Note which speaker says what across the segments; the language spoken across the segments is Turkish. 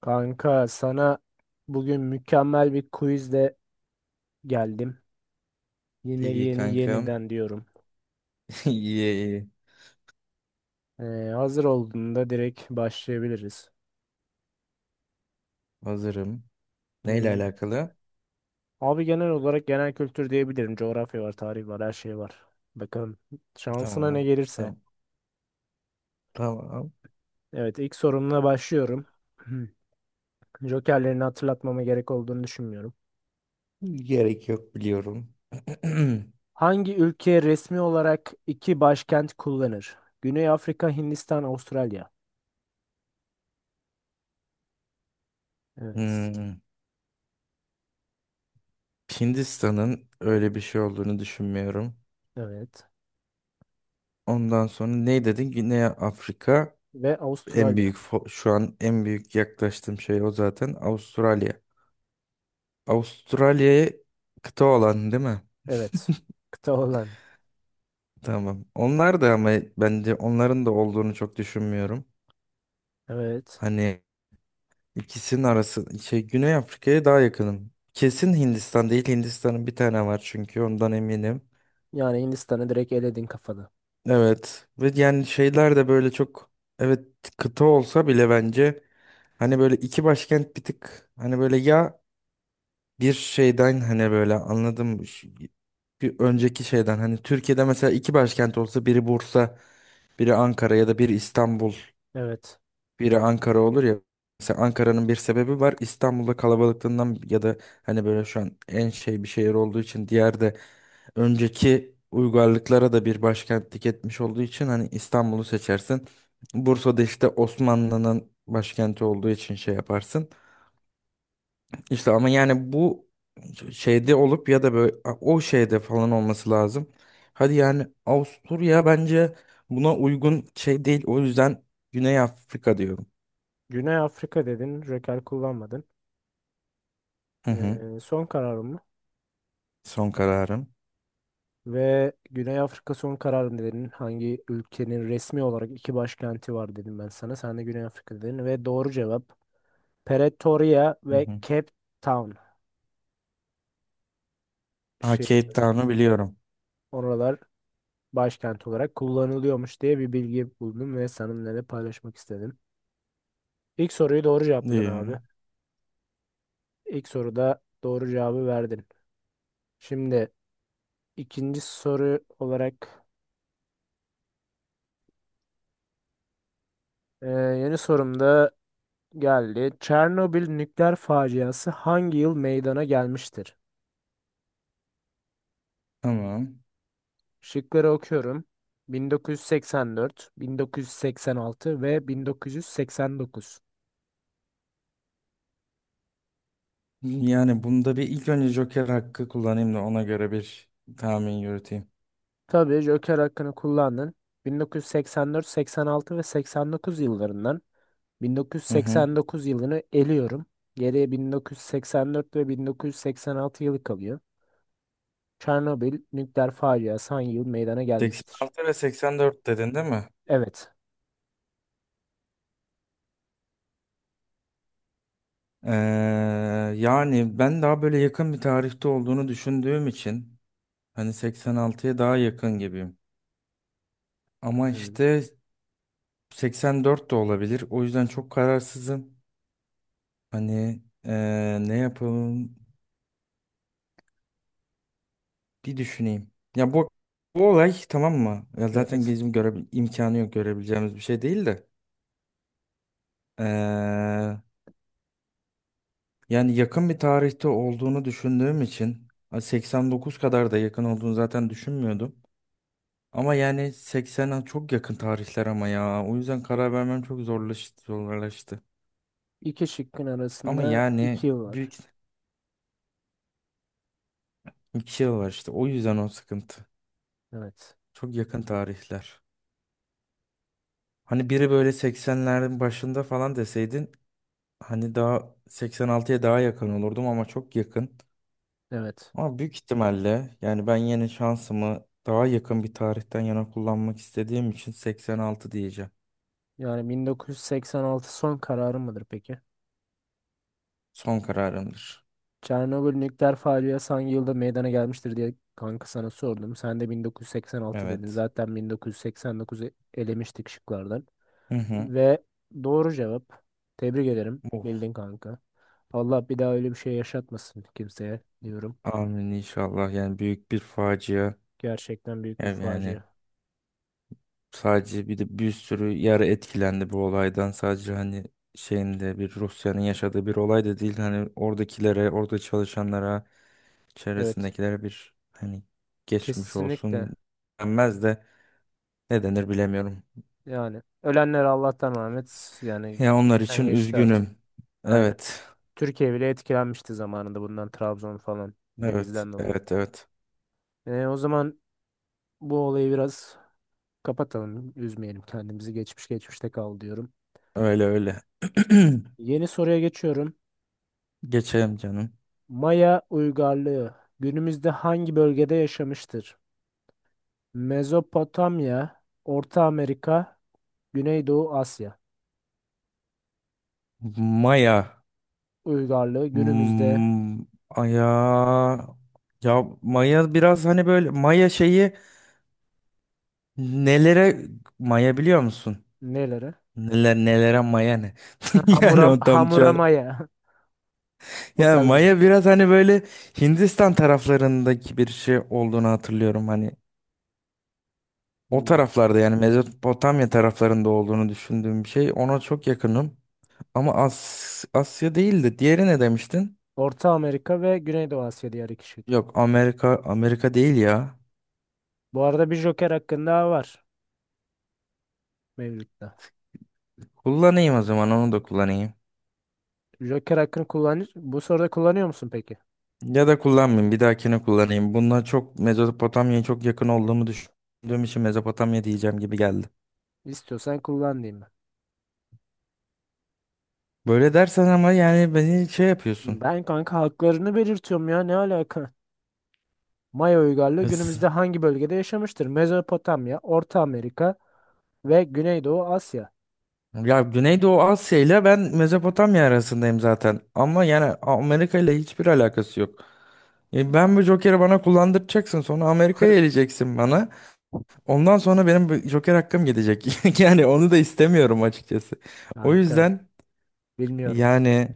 Speaker 1: Kanka, sana bugün mükemmel bir quizle geldim. Yine
Speaker 2: İyi
Speaker 1: yeni
Speaker 2: kankam.
Speaker 1: yeniden diyorum.
Speaker 2: İyi iyi.
Speaker 1: Ee, Hazır olduğunda direkt başlayabiliriz.
Speaker 2: Hazırım. Neyle
Speaker 1: Hmm,
Speaker 2: alakalı?
Speaker 1: Abi, genel olarak genel kültür diyebilirim. Coğrafya var, tarih var, her şey var. Bakalım şansına ne
Speaker 2: Tamam.
Speaker 1: gelirse.
Speaker 2: Tamam. Tamam.
Speaker 1: Evet, ilk sorumla başlıyorum. Jokerlerini hatırlatmama gerek olduğunu düşünmüyorum.
Speaker 2: Gerek yok biliyorum.
Speaker 1: Hangi ülke resmi olarak iki başkent kullanır? Güney Afrika, Hindistan, Avustralya. Evet.
Speaker 2: Hmm. Hindistan'ın öyle bir şey olduğunu düşünmüyorum.
Speaker 1: Evet.
Speaker 2: Ondan sonra ne dedin? Güney Afrika
Speaker 1: Ve
Speaker 2: en
Speaker 1: Avustralya.
Speaker 2: büyük şu an en büyük yaklaştığım şey o zaten Avustralya. Avustralya'ya kıta olan değil mi?
Speaker 1: Evet. Kıta olan.
Speaker 2: Tamam. Onlar da ama bence onların da olduğunu çok düşünmüyorum.
Speaker 1: Evet.
Speaker 2: Hani İkisinin arası şey, Güney Afrika'ya daha yakınım. Kesin Hindistan değil. Hindistan'ın bir tane var çünkü ondan eminim.
Speaker 1: Yani Hindistan'ı direkt eledin kafada.
Speaker 2: Evet, ve yani şeyler de böyle çok, evet, kıta olsa bile bence hani böyle iki başkent bir tık hani böyle ya, bir şeyden hani böyle anladım bir önceki şeyden hani Türkiye'de mesela iki başkent olsa biri Bursa, biri Ankara ya da biri İstanbul,
Speaker 1: Evet.
Speaker 2: biri Ankara olur ya. Mesela Ankara'nın bir sebebi var. İstanbul'da kalabalıklığından ya da hani böyle şu an en şey bir şehir olduğu için, diğer de önceki uygarlıklara da bir başkentlik etmiş olduğu için hani İstanbul'u seçersin. Bursa'da işte Osmanlı'nın başkenti olduğu için şey yaparsın. İşte ama yani bu şeyde olup ya da böyle o şeyde falan olması lazım. Hadi yani Avusturya bence buna uygun şey değil. O yüzden Güney Afrika diyorum.
Speaker 1: Güney Afrika dedin. Röker kullanmadın.
Speaker 2: Hı hı.
Speaker 1: Son kararın mı?
Speaker 2: Son kararım.
Speaker 1: Ve Güney Afrika son kararın dedin. Hangi ülkenin resmi olarak iki başkenti var dedim ben sana. Sen de Güney Afrika dedin. Ve doğru cevap Pretoria
Speaker 2: Hı
Speaker 1: ve
Speaker 2: hı.
Speaker 1: Cape Town.
Speaker 2: Ha,
Speaker 1: Şey,
Speaker 2: Cape Town'u biliyorum.
Speaker 1: oralar başkent olarak kullanılıyormuş diye bir bilgi buldum ve seninle de paylaşmak istedim. İlk soruyu doğru cevapladın
Speaker 2: Ee,
Speaker 1: abi. İlk soruda doğru cevabı verdin. Şimdi ikinci soru olarak yeni sorumda geldi. Çernobil nükleer faciası hangi yıl meydana gelmiştir?
Speaker 2: tamam.
Speaker 1: Şıkları okuyorum. 1984, 1986 ve 1989.
Speaker 2: Yani bunda bir ilk önce Joker hakkı kullanayım da ona göre bir tahmin yürüteyim.
Speaker 1: Tabii, Joker hakkını kullandın. 1984, 86 ve 89 yıllarından
Speaker 2: Hı hı.
Speaker 1: 1989 yılını eliyorum. Geriye 1984 ve 1986 yılı kalıyor. Çernobil nükleer faciası hangi yıl meydana gelmiştir?
Speaker 2: 86 ve 84 dedin değil mi?
Speaker 1: Evet.
Speaker 2: Ee, Yani ben daha böyle yakın bir tarihte olduğunu düşündüğüm için hani 86'ya daha yakın gibiyim. Ama
Speaker 1: Hmm.
Speaker 2: işte 84 de olabilir. O yüzden çok kararsızım. Hani ne yapalım? Bir düşüneyim. Ya bu olay tamam mı? Ya zaten
Speaker 1: Evet.
Speaker 2: gezim göre imkanı yok, görebileceğimiz bir şey değil de. Ee, yani yakın bir tarihte olduğunu düşündüğüm için 89 kadar da yakın olduğunu zaten düşünmüyordum. Ama yani 80'e çok yakın tarihler ama ya. O yüzden karar vermem çok zorlaştı, zorlaştı.
Speaker 1: İki şıkkın
Speaker 2: Ama
Speaker 1: arasında iki
Speaker 2: yani
Speaker 1: yıl var.
Speaker 2: büyük, iki yıl var işte. O yüzden o sıkıntı.
Speaker 1: Evet.
Speaker 2: Çok yakın tarihler. Hani biri böyle 80'lerin başında falan deseydin, hani daha 86'ya daha yakın olurdum ama çok yakın.
Speaker 1: Evet.
Speaker 2: Ama büyük ihtimalle yani ben yine şansımı daha yakın bir tarihten yana kullanmak istediğim için 86 diyeceğim.
Speaker 1: Yani 1986 son kararı mıdır peki?
Speaker 2: Son kararımdır.
Speaker 1: Çernobil nükleer faciası hangi yılda meydana gelmiştir diye kanka sana sordum. Sen de 1986 dedin.
Speaker 2: Evet.
Speaker 1: Zaten 1989'u elemiştik şıklardan.
Speaker 2: Hı hı.
Speaker 1: Ve doğru cevap. Tebrik ederim.
Speaker 2: Oh,
Speaker 1: Bildin kanka. Allah bir daha öyle bir şey yaşatmasın kimseye diyorum.
Speaker 2: amin inşallah. Yani büyük bir facia.
Speaker 1: Gerçekten büyük bir
Speaker 2: Yani
Speaker 1: facia.
Speaker 2: yani sadece, bir de bir sürü yer etkilendi bu olaydan. Sadece hani şeyinde bir Rusya'nın yaşadığı bir olay da değil. Hani oradakilere, orada çalışanlara,
Speaker 1: Evet.
Speaker 2: çevresindekilere bir hani geçmiş
Speaker 1: Kesinlikle.
Speaker 2: olsun denmez de ne denir bilemiyorum.
Speaker 1: Yani ölenler Allah'tan rahmet. Yani
Speaker 2: Ya onlar
Speaker 1: geçen
Speaker 2: için
Speaker 1: geçti artık.
Speaker 2: üzgünüm.
Speaker 1: Aynen.
Speaker 2: Evet.
Speaker 1: Türkiye bile etkilenmişti zamanında bundan, Trabzon falan,
Speaker 2: Evet.
Speaker 1: denizden dolayı.
Speaker 2: Evet. Evet.
Speaker 1: E, o zaman bu olayı biraz kapatalım. Üzmeyelim kendimizi. Geçmiş geçmişte kal diyorum.
Speaker 2: Öyle öyle.
Speaker 1: Yeni soruya geçiyorum.
Speaker 2: Geçelim canım.
Speaker 1: Maya uygarlığı günümüzde hangi bölgede yaşamıştır? Mezopotamya, Orta Amerika, Güneydoğu Asya.
Speaker 2: Maya.
Speaker 1: Uygarlığı günümüzde.
Speaker 2: Hmm, Aya. Ya Maya biraz hani böyle Maya şeyi, nelere Maya biliyor musun?
Speaker 1: Neleri?
Speaker 2: Neler nelere Maya ne? Yani
Speaker 1: Hamuram,
Speaker 2: o tam ça-
Speaker 1: hamuramaya. O
Speaker 2: Ya
Speaker 1: tarz.
Speaker 2: Maya biraz hani böyle Hindistan taraflarındaki bir şey olduğunu hatırlıyorum. Hani o
Speaker 1: Hmm.
Speaker 2: taraflarda, yani Mezopotamya taraflarında olduğunu düşündüğüm bir şey. Ona çok yakınım. Ama Asya değildi. Diğeri ne demiştin?
Speaker 1: Orta Amerika ve Güneydoğu Asya diye ayrışık.
Speaker 2: Yok, Amerika, Amerika değil ya.
Speaker 1: Bu arada bir Joker hakkın daha var mevcutta.
Speaker 2: Kullanayım, o zaman onu da kullanayım.
Speaker 1: Joker hakkını kullan, bu soruda kullanıyor musun peki?
Speaker 2: Ya da kullanmayayım, bir dahakine kullanayım. Bununla çok Mezopotamya'ya çok yakın olduğumu düşündüğüm için Mezopotamya diyeceğim gibi geldi.
Speaker 1: İstiyorsan kullan diyeyim ben.
Speaker 2: Böyle dersen ama yani beni şey yapıyorsun.
Speaker 1: Ben kanka haklarını belirtiyorum ya, ne alaka? Maya uygarlığı günümüzde hangi bölgede yaşamıştır? Mezopotamya, Orta Amerika ve Güneydoğu Asya.
Speaker 2: Ya Güneydoğu Asya ile ben Mezopotamya arasındayım zaten. Ama yani Amerika ile hiçbir alakası yok. Ben bu Joker'i bana kullandıracaksın. Sonra Amerika'ya eleceksin bana. Ondan sonra benim bu Joker hakkım gidecek. Yani onu da istemiyorum açıkçası. O
Speaker 1: Kanka
Speaker 2: yüzden
Speaker 1: bilmiyorum.
Speaker 2: yani,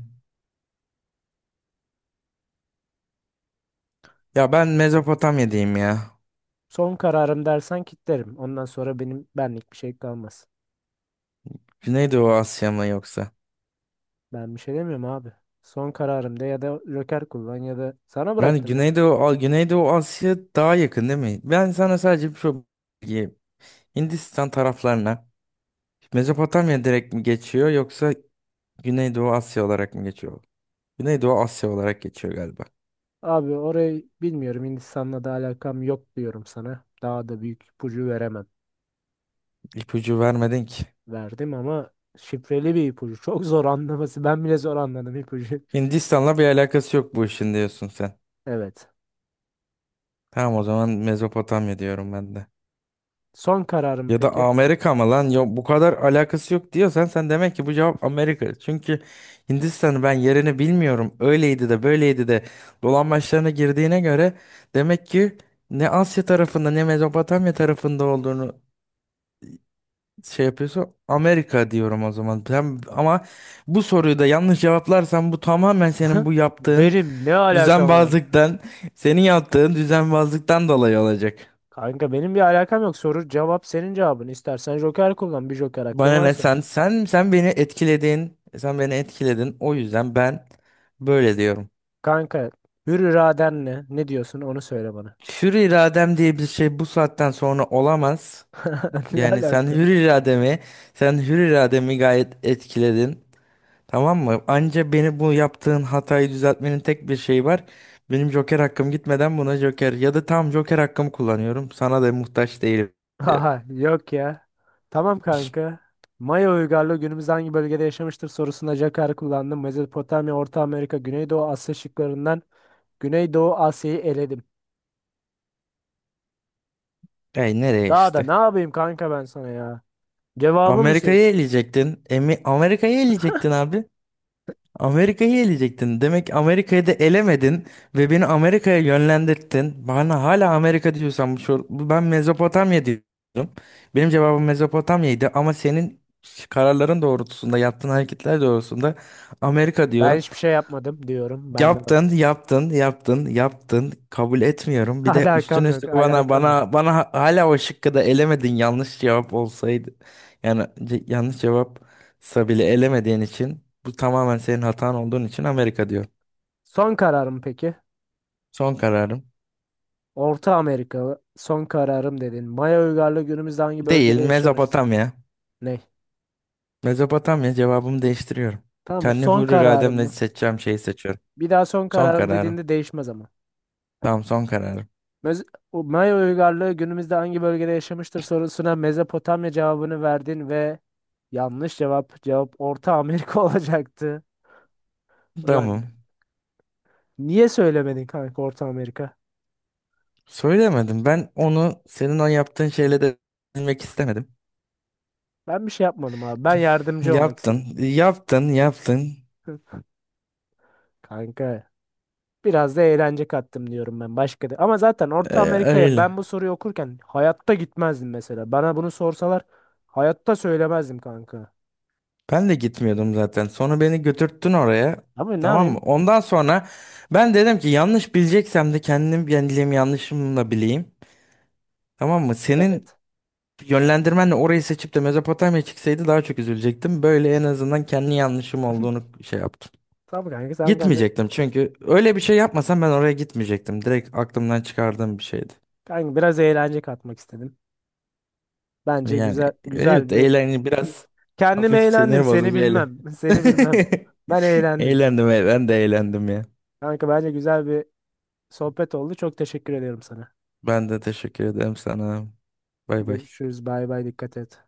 Speaker 2: ya ben Mezopotamya diyeyim ya.
Speaker 1: Son kararım dersen kitlerim. Ondan sonra benim benlik bir şey kalmaz.
Speaker 2: Güneydoğu Asya mı yoksa?
Speaker 1: Ben bir şey demiyorum abi. Son kararımda ya da Joker kullan ya da sana
Speaker 2: Ben
Speaker 1: bıraktım ya.
Speaker 2: Güneydoğu, Güneydoğu Asya daha yakın değil mi? Ben sana sadece şu bilgiyi- Hindistan taraflarına Mezopotamya direkt mi geçiyor yoksa Güneydoğu Asya olarak mı geçiyor? Güneydoğu Asya olarak geçiyor galiba.
Speaker 1: Abi, orayı bilmiyorum. Hindistan'la da alakam yok diyorum sana. Daha da büyük ipucu veremem.
Speaker 2: İpucu vermedin ki.
Speaker 1: Verdim ama şifreli bir ipucu. Çok zor anlaması. Ben bile zor anladım ipucu.
Speaker 2: Hindistan'la bir alakası yok bu işin diyorsun sen.
Speaker 1: Evet.
Speaker 2: Tamam, o zaman Mezopotamya diyorum ben de.
Speaker 1: Son kararım
Speaker 2: Ya da
Speaker 1: peki.
Speaker 2: Amerika mı lan? Yok, bu kadar alakası yok diyorsan sen, demek ki bu cevap Amerika. Çünkü Hindistan'ı ben yerini bilmiyorum. Öyleydi de böyleydi de dolambaçlarına girdiğine göre, demek ki ne Asya tarafında ne Mezopotamya tarafında olduğunu şey yapıyorsa, Amerika diyorum o zaman. Sen, ama bu soruyu da yanlış cevaplarsan, bu tamamen senin bu yaptığın
Speaker 1: Benim ne alakam var?
Speaker 2: düzenbazlıktan, senin yaptığın düzenbazlıktan dolayı olacak.
Speaker 1: Kanka benim bir alakam yok. Soru cevap, senin cevabın. İstersen Joker kullan. Bir Joker hakkın
Speaker 2: Bana ne,
Speaker 1: varsa.
Speaker 2: sen beni etkiledin. Sen beni etkiledin. O yüzden ben böyle diyorum.
Speaker 1: Kanka, hür iradenle ne diyorsun onu söyle bana.
Speaker 2: Hür iradem diye bir şey bu saatten sonra olamaz.
Speaker 1: Ne
Speaker 2: Yani sen
Speaker 1: alaka?
Speaker 2: hür irademi, sen hür irademi gayet etkiledin. Tamam mı? Anca, beni bu yaptığın hatayı düzeltmenin tek bir şeyi var. Benim Joker hakkım gitmeden buna Joker, ya da tam Joker hakkımı kullanıyorum. Sana da muhtaç değilim diyorum.
Speaker 1: Aha, yok ya. Tamam kanka. Maya uygarlığı günümüzde hangi bölgede yaşamıştır sorusunda Jakar'ı kullandım. Mezopotamya, Orta Amerika, Güneydoğu Asya şıklarından Güneydoğu Asya'yı eledim.
Speaker 2: Ey, nereye
Speaker 1: Daha da
Speaker 2: işte?
Speaker 1: ne yapayım kanka ben sana ya? Cevabı mı söyle?
Speaker 2: Amerika'yı eleyecektin. Emi Amerika'yı eleyecektin abi. Amerika'yı eleyecektin. Demek Amerika'yı da elemedin ve beni Amerika'ya yönlendirdin. Bana hala Amerika diyorsan bu ben Mezopotamya diyorum. Benim cevabım Mezopotamya'ydı ama senin kararların doğrultusunda, yaptığın hareketler doğrultusunda Amerika
Speaker 1: Ben
Speaker 2: diyorum.
Speaker 1: hiçbir şey yapmadım diyorum. Ben de baş.
Speaker 2: Yaptın, yaptın, yaptın, yaptın. Kabul etmiyorum. Bir de
Speaker 1: Alakam
Speaker 2: üstüne
Speaker 1: yok,
Speaker 2: üstlük bana
Speaker 1: alakam yok.
Speaker 2: bana bana hala o şıkkı da elemedin. Yanlış cevap olsaydı. Yani yanlış cevapsa bile elemediğin için, bu tamamen senin hatan olduğun için Amerika diyor.
Speaker 1: Son kararım peki?
Speaker 2: Son kararım.
Speaker 1: Orta Amerika son kararım dedin. Maya uygarlığı günümüzde hangi
Speaker 2: Değil,
Speaker 1: bölgede yaşamıştır?
Speaker 2: Mezopotamya.
Speaker 1: Ne?
Speaker 2: Mezopotamya, cevabımı değiştiriyorum.
Speaker 1: Tamam mı?
Speaker 2: Kendi
Speaker 1: Son
Speaker 2: hür
Speaker 1: kararım
Speaker 2: irademle
Speaker 1: mı?
Speaker 2: seçeceğim şeyi seçiyorum.
Speaker 1: Bir daha son
Speaker 2: Son
Speaker 1: kararım
Speaker 2: kararım.
Speaker 1: dediğinde değişmez ama.
Speaker 2: Tamam, son kararım.
Speaker 1: Mez o Maya uygarlığı günümüzde hangi bölgede yaşamıştır sorusuna Mezopotamya cevabını verdin ve yanlış cevap. Cevap Orta Amerika olacaktı. Ulan
Speaker 2: Tamam.
Speaker 1: niye söylemedin kanka Orta Amerika?
Speaker 2: Söylemedim. Ben onu senin o yaptığın şeyle de bilmek istemedim.
Speaker 1: Ben bir şey yapmadım abi. Ben yardımcı olmak
Speaker 2: Yaptın,
Speaker 1: istedim.
Speaker 2: yaptın, yaptın.
Speaker 1: Kanka biraz da eğlence kattım diyorum ben, başka da. Ama zaten Orta Amerika'ya
Speaker 2: Öyle.
Speaker 1: ben bu soruyu okurken hayatta gitmezdim mesela. Bana bunu sorsalar hayatta söylemezdim kanka.
Speaker 2: Ben de gitmiyordum zaten. Sonra beni götürttün oraya.
Speaker 1: Ama ne
Speaker 2: Tamam mı?
Speaker 1: yapayım?
Speaker 2: Ondan sonra ben dedim ki, yanlış bileceksem de kendim bileyim, yanlışımla bileyim. Tamam mı? Senin
Speaker 1: Evet.
Speaker 2: yönlendirmenle orayı seçip de Mezopotamya çıksaydı daha çok üzülecektim. Böyle en azından kendi yanlışım olduğunu şey yaptım.
Speaker 1: Tamam kanka sen kendin.
Speaker 2: Gitmeyecektim, çünkü öyle bir şey yapmasam ben oraya gitmeyecektim. Direkt aklımdan çıkardığım bir şeydi.
Speaker 1: Kanka biraz eğlence katmak istedim. Bence
Speaker 2: Yani
Speaker 1: güzel güzel
Speaker 2: evet,
Speaker 1: bir.
Speaker 2: eğlen biraz,
Speaker 1: Kendim
Speaker 2: hafif
Speaker 1: eğlendim,
Speaker 2: sinir
Speaker 1: seni
Speaker 2: bozucu eğlen.
Speaker 1: bilmem. Seni bilmem, ben eğlendim
Speaker 2: Eğlendim, ben de eğlendim ya.
Speaker 1: kanka. Bence güzel bir sohbet oldu, çok teşekkür ediyorum sana.
Speaker 2: Ben de teşekkür ederim sana. Bay bay.
Speaker 1: Görüşürüz, bay bay, dikkat et.